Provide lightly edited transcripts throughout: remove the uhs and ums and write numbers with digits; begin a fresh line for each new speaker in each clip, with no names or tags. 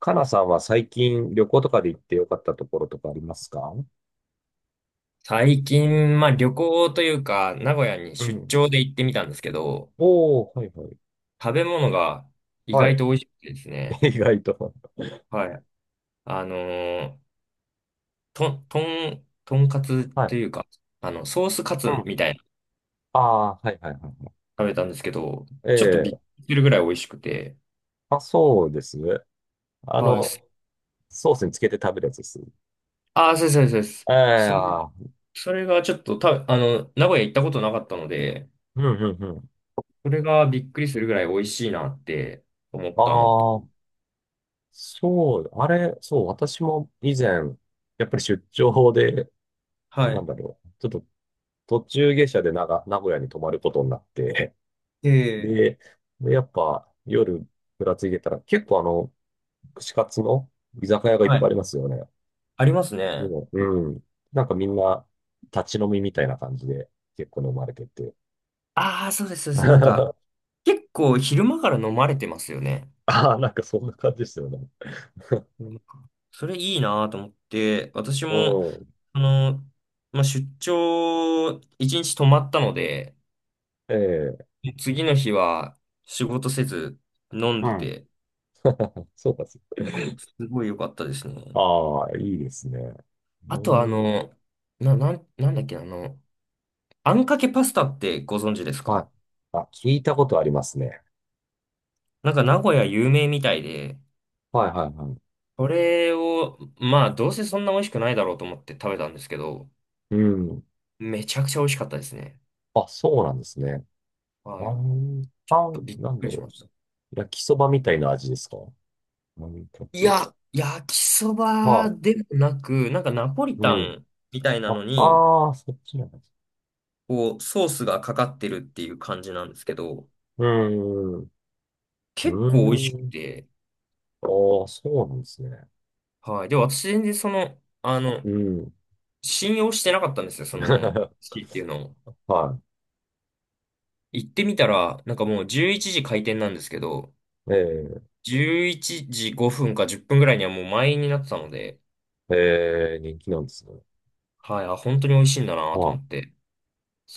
かなさんは最近旅行とかで行ってよかったところとかありますか？
最近、まあ旅行というか、名古屋に
う
出
ん。
張で行ってみたんですけど、
おー、はいはい。
食べ物が意
は
外
い。
と美味しくてです ね。
意外と。
はい。あのーとんかつ
は
と
い。
いうか、ソースカ
う
ツ
ん。
みたいなの
ああ、はいはいは
食べたんですけど、ちょっとびっく
い。ええ。
りするぐらい美味しくて。
あ、そうですね。あ
はい。
の、ソースにつけて食べるやつです。
ああ、そうです、そうです。
ええ。
そうですそ
ああ。
れ、それがちょっとた、あの、名古屋行ったことなかったので、
うんうんうん。
それがびっくりするぐらい美味しいなって思っ
あ
たのと。
あ、そう、あれ、そう、私も以前、やっぱり出張で、
は
なん
い。
だろう、ちょっと途中下車で名古屋に泊まることになって、
ええ、
で、でやっぱ夜ぶらついてたら結構串カツの居酒屋がいっ
はい。
ぱいありますよね。
あります
で
ね。
も、うん。なんかみんな立ち飲みみたいな感じで結構飲まれてて。
ああ、そうです、そうです。なんか、結構昼間から飲まれてますよね。
ああ、なんかそんな感じですよね。
うん。それいいなと思って、私
う
も、
ん。
あの、まあ、出張、一日泊まったので、
ええ。
次の日は仕事せず飲ん
う
で
ん。
て、
そうか、そうか。
すごい良かったですね。
ああ、いいですね。う
あと、
ん。
なんだっけ、あんかけパスタってご存知です
はい。
か？
あ、聞いたことありますね。
なんか名古屋有名みたいで、
はいはいはい。
これを、まあ、どうせそんな美味しくないだろうと思って食べたんですけど、
うん。
めちゃくちゃ美味しかったですね。
あ、そうなんですね。あ
はい。
ーあー、
びっ
なん
く
だ
りし
ろ
ました。
う。焼きそばみたいな味ですか？何か
い
け。
や、焼きそば
はあ、
でもなく、なんかナポリ
う
タ
ん。
ンみたいな
あ、
のに、
ああ、そっちなんです。
こう、ソースがかかってるっていう感じなんですけど、
うん、うん。
結構美味し
うー
く
ん。
て、
ああ、そうなんですね。
はい。で、私全然その、
うん。
信用してなかったんですよ、その、シーっていうのを。
は
行ってみたら、なんかもう11時開店なんですけど、
い。え
11時5分か10分ぐらいにはもう満員になってたので、
え、ええ、人気なんですね。
はい、あ、本当に美味しいんだなと思
は
って、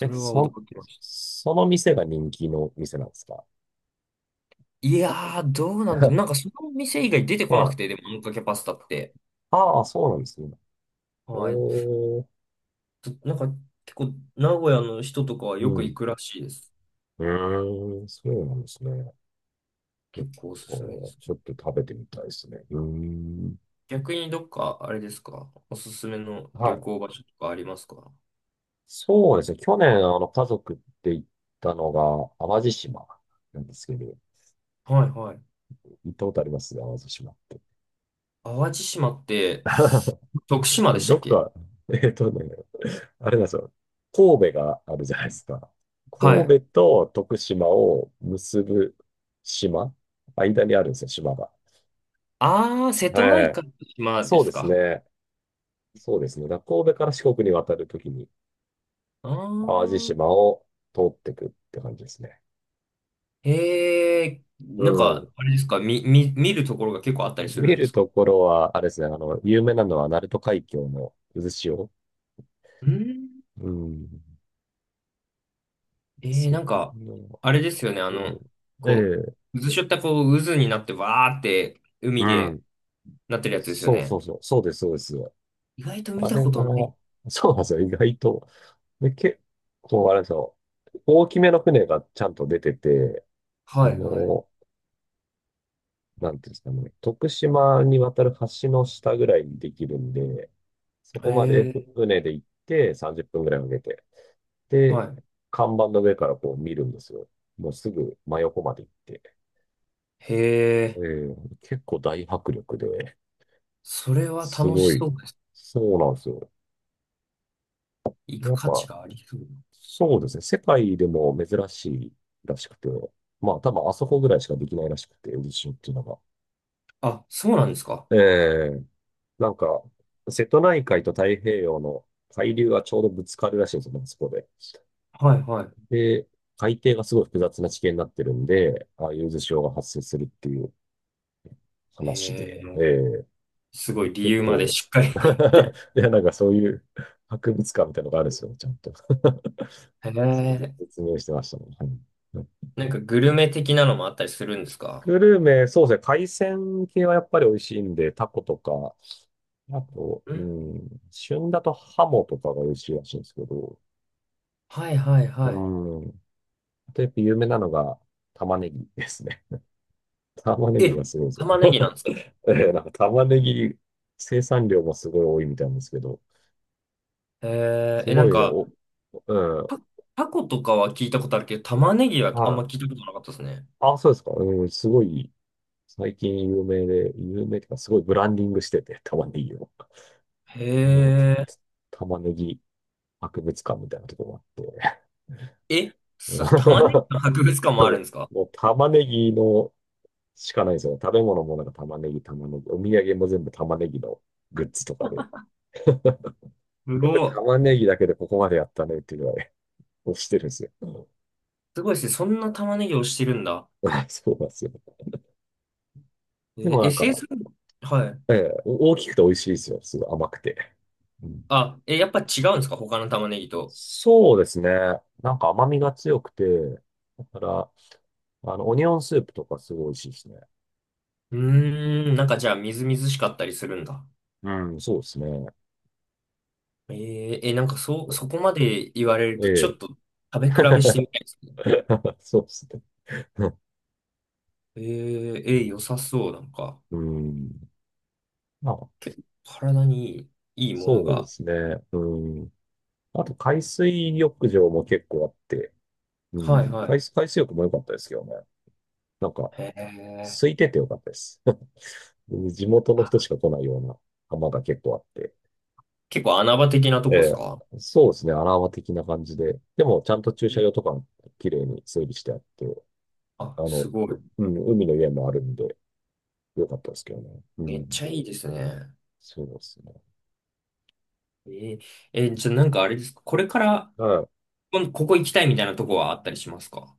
い。え、
れは
そ、
驚きました。
その店が人気の店なんですか？
いやー、どうなんだ。なんか その店以外出てこなく
は
て、
い。
でも、あんかけパスタって。
ああ、そうなんですね。
はい。
おー、
なんか結構、名古屋の人とかは
う
よく行
ん。
くらしいです。
うーん、そうなんですね。えっ
結構おすすめです。
ちょっと食べてみたいですね。うーん。
逆にどっか、あれですか、おすすめの
は
旅
い。
行場所とかありますか？
そうですね。去年、家族って行ったのが、淡路島なんですけど、
はいはい。
行ったことあります淡路島って？
淡路島って、徳島でした
ど
っ
こ
け？
が、えっとね、あれなんですよ。神戸があるじゃないですか。
はい。
神戸と徳島を結ぶ島間にあるんですよ、島が。
あー、瀬戸
は
内
い。
海の島で
そう
す
です
か。
ね。そうですね。だから神戸から四国に渡るときに、
あ
淡路
ー、
島を通っていくって感じですね。
へえ、
う
なん
ん。
か、あれですか、見るところが結構あったりする
見
んで
る
すか？
ところは、あれですね、有名なのは、鳴門海峡の渦潮。
うん、
うん。
ええ、
そっ
なんか、
の
あれですよね、
そう。
こ
ええ。
う、渦しょったこう、渦になってわーって
う
海で
ん。
なってるやつですよ
そうそ
ね。
うそう。そうです、そうです。
意外と見
あ
た
れ
こ
が、
とない。
そうなんですよ、意外と。で、結構、あれですよ。大きめの船がちゃんと出てて、そ
はい、はい。
の、なんていうんですかね、徳島に渡る橋の下ぐらいにできるんで、そ
へ
こまで
え、
船で行って30分ぐらいかけて、で、
はい。
看板の上からこう見るんですよ。もうすぐ真横まで行って。
へ
え
え、
ー結構大迫力で、
それは
す
楽
ご
し
い、
そうです。
そうなんですよ。
行
や
く
っ
価値
ぱ、
がありそう。
そうですね。世界でも珍しいらしくて、まあ多分あそこぐらいしかできないらしくて、渦潮っていうのが。
あ、そうなんですか。
ええ。なんか、瀬戸内海と太平洋の海流がちょうどぶつかるらしいんですよね、まあそこで。
はい、は
で、海底がすごい複雑な地形になってるんで、ああいう渦潮が発生するっていう
い。
話
へえ、
で。ええ、
すごい理
結
由まで
構
しっか り
いや、なんかそういう博物館みたいなのがあるんですよ、ちゃんと。
へ
それで
え、
説明してましたね。はい。
なんかグルメ的なのもあったりするんですか？
グルメ、そうですね。海鮮系はやっぱり美味しいんで、タコとか、あと、
う
う
ん、
ん、旬だとハモとかが美味しいらしいんですけど、
はい、はい、
う
はい。
ん。あとやっぱ有名なのが玉ねぎですね。玉ねぎ
え、
がすごいですよね。
玉ねぎなんですか？
なんか玉ねぎ生産量もすごい多いみたいなんですけど、
へえ
す
ー、え、な
ご
ん
いね
か、
お、うん。
タタコとかは聞いたことあるけど、玉ねぎはあん
は
ま聞いた
い。
ことなかったですね。
あ、そうですか。うん、すごい、最近有名で、有名っていうか、すごいブランディングしてて、玉ねぎを。
へ
なんか
え。
玉ねぎ博物館みたいなとこもあって。
え、玉ねぎの博物館もあるんですか？
もう玉ねぎのしかないですよね。食べ物もなんか玉ねぎ、玉ねぎ。お土産も全部玉ねぎのグッズとかで。
す
よく
ごい。
玉ねぎだけでここまでやったねっていうぐらい押してるんですよ。うん。
すごいですね。そんな玉ねぎをしてるんだ。
そうなんですよ。でもなんか、
SS？ はい。
ええ、大きくて美味しいですよ。すごい甘くて。うん、
あ、え、やっぱ違うんですか他の玉ねぎと？
そうですね。なんか甘みが強くて、だから、オニオンスープとかすごい美味しいですね。
うーん、なんかじゃあみずみずしかったりするんだ。
うん、うん。そうですね。
なんかそう、そこまで言われるとち
え
ょっと食べ
え。
比べしてみ たいですね。
そうですね。
良さそう、なんか。
うん。まあ、
結構体にいい、いいもの
そうで
が。
すね。うん。あと、海水浴場も結構あって、う
はい
ん。
はい。
海水浴も良かったですけどね。なんか、
へえ。
空いてて良かったです。地元の人しか来ないような浜が結構あって。
結構穴場的なと
え
こです
え、
か？
そうですね、アラーマ的な感じで。でも、ちゃんと駐車場
え、
とか、綺麗に整理してあって、
あ、すごい。
海の家もあるんで、よかったですけどね。う
めっ
ん、
ちゃいいですね。
そうですね。
えー、じゃあなんかあれですかこれから、
うん、
ここ行きたいみたいなとこはあったりしますか？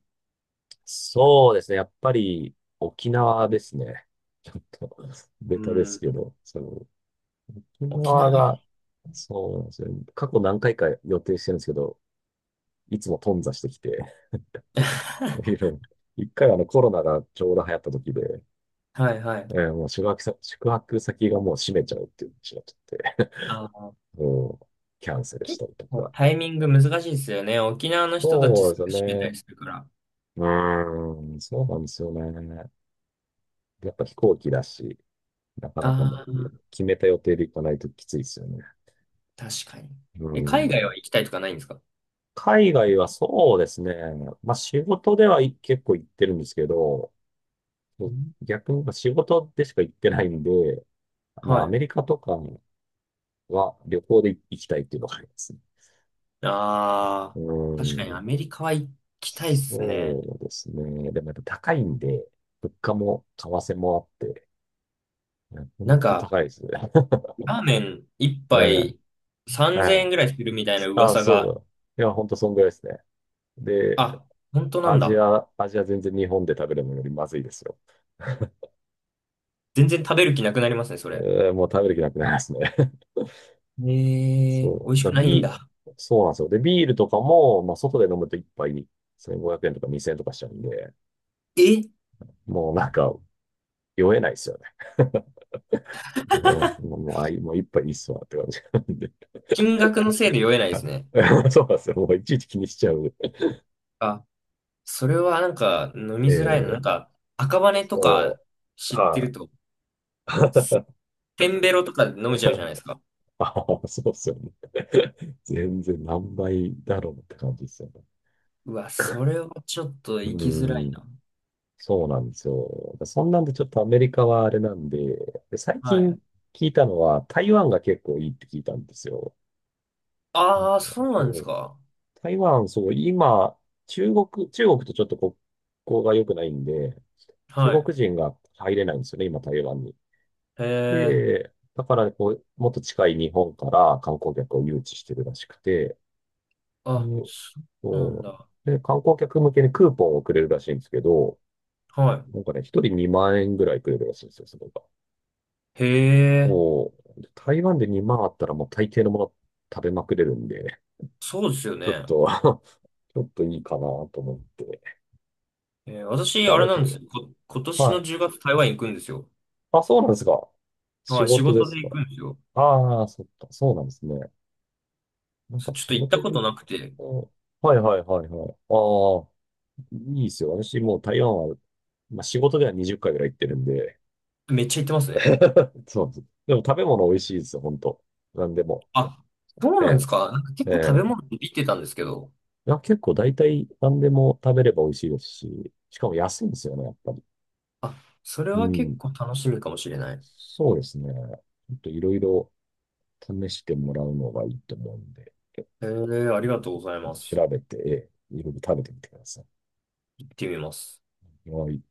そうですね、やっぱり、沖縄ですね。ちょっと、ベ
う
タですけ
ん。
ど、その、沖
沖
縄
縄い
が、
い。
そうなんですよ。過去何回か予定してるんですけど、いつも頓挫してきて、いろいろ一回コロナがちょうど流行った時で、
はいはい。
もう宿泊先がもう閉めちゃうっていう話になっちゃって、
あの、
もうキャンセルし
結
たりと
構
か。
タイミング難しいですよね。沖縄の人たち
そう
す
です
ぐ
よ
閉めたり
ね。
するから。
うーん、そうなんですよね。やっぱ飛行機だし、なかなかね、
ああ、
決めた予定で行かないときついですよね。
確かに。
うー
え、海外
ん。
は行きたいとかないんですか？
海外はそうですね。まあ仕事で、はい、結構行ってるんですけど、
うん、
逆に仕事でしか行ってないんで、まあ
は
ア
い。
メリカとかは旅行で行きたいっていうのがありますね。
あ
う
あ、
ー
確かに
ん。
アメリカは行きたいっすね。
そうですね。でもやっぱ高いんで、物価も為替もあって、本
なん
当
か、
高いですね。
ラーメン一
ええ、
杯
は
3000円
い。
ぐらいするみたいな
あ、
噂
そ
が、
うだ。いや、本当そんぐらいですね。で、
あ、本当な
ア
ん
ジ
だ。
ア、アジア全然日本で食べるのよりまずいですよ。
全然食べる気なくなりますね、それ。
もう食べる気なくなりますね。
え ー、美
そ
味
う。
し
だ
くないん
ビ
だ。
ー、そうなんですよ。で、ビールとかも、まあ、外で飲むと一杯1500円とか2000円とかしちゃうんで、
え
もうなんか、酔えないですよね。うん、もう、もうあい、もう一杯いいっすわって感じ。
金額のせいで酔えないで
は
すね。
い。 そうなんですよ。もういちいち気にしちゃう。
あ、それはなんか飲み
え
づらいの。なん
ー、
か赤羽と
そ
か
う。
知って
は
ると、
い。
テンベロとかで飲めちゃうじゃないですか。
ああ、そうっすよね。全然何倍だろうって感じですよね。
うわ、それはちょっと
う
行きづら
ー
い
ん、
な。
そうなんですよ。そんなんでちょっとアメリカはあれなんで、で最
は
近
い。
聞いたのは台湾が結構いいって聞いたんですよ。なん
ああ、
か、
そうなんで
そ
す
う、
か。
台湾、そう、今、中国とちょっと国交が良くないんで、中
はい。
国人が入れないんですよね、今台湾
へえ、
で、だからこう、もっと近い日本から観光客を誘致してるらしくて、で、
あ、そうな
う
ん
ん、
だ。
で、観光客向けにクーポンをくれるらしいんですけど、
は
なんかね、一人2万円ぐらいくれるらしいんですよ、それが。
い。へえ。
おー、で台湾で2万あったらもう大抵のもの食べまくれるんで、
そうですよ
ちょっ
ね。
と ちょっといいかなと思って
私、
調
あれ
べ
な
て
んです
る。
よ。今年
は
の
い。
10月台湾行くんですよ。
あ、そうなんですか。仕
はい、仕
事で
事で
すか？
行くんですよ。
ああ、そっか、そうなんですね。なんか
ちょっ
仕
と行った
事
こ
で
と
行っ
なくて、
た。はいはいはいはい。ああ、いいですよ。私もう台湾は、まあ、仕事では20回ぐらい行ってるんで、
めっちゃ行ってますね。
そうです。でも食べ物美味しいですよ、本当。何でも。
あ、そう
え
なんです
え、
か。なんか結
え
構食べ
え。
物って言ってたんですけど。
いや、結構大体何でも食べれば美味しいですし、しかも安いんですよね、やっぱり。
あ、それ
う
は結
ん。
構楽しみかもしれない。
そうですね。ちょっといろいろ試してもらうのがいいと思うんで、ちょ
ありがとうござい
っ
ま
と
す。
調べて、いろいろ食べてみてくださ
行ってみます。
い。はい。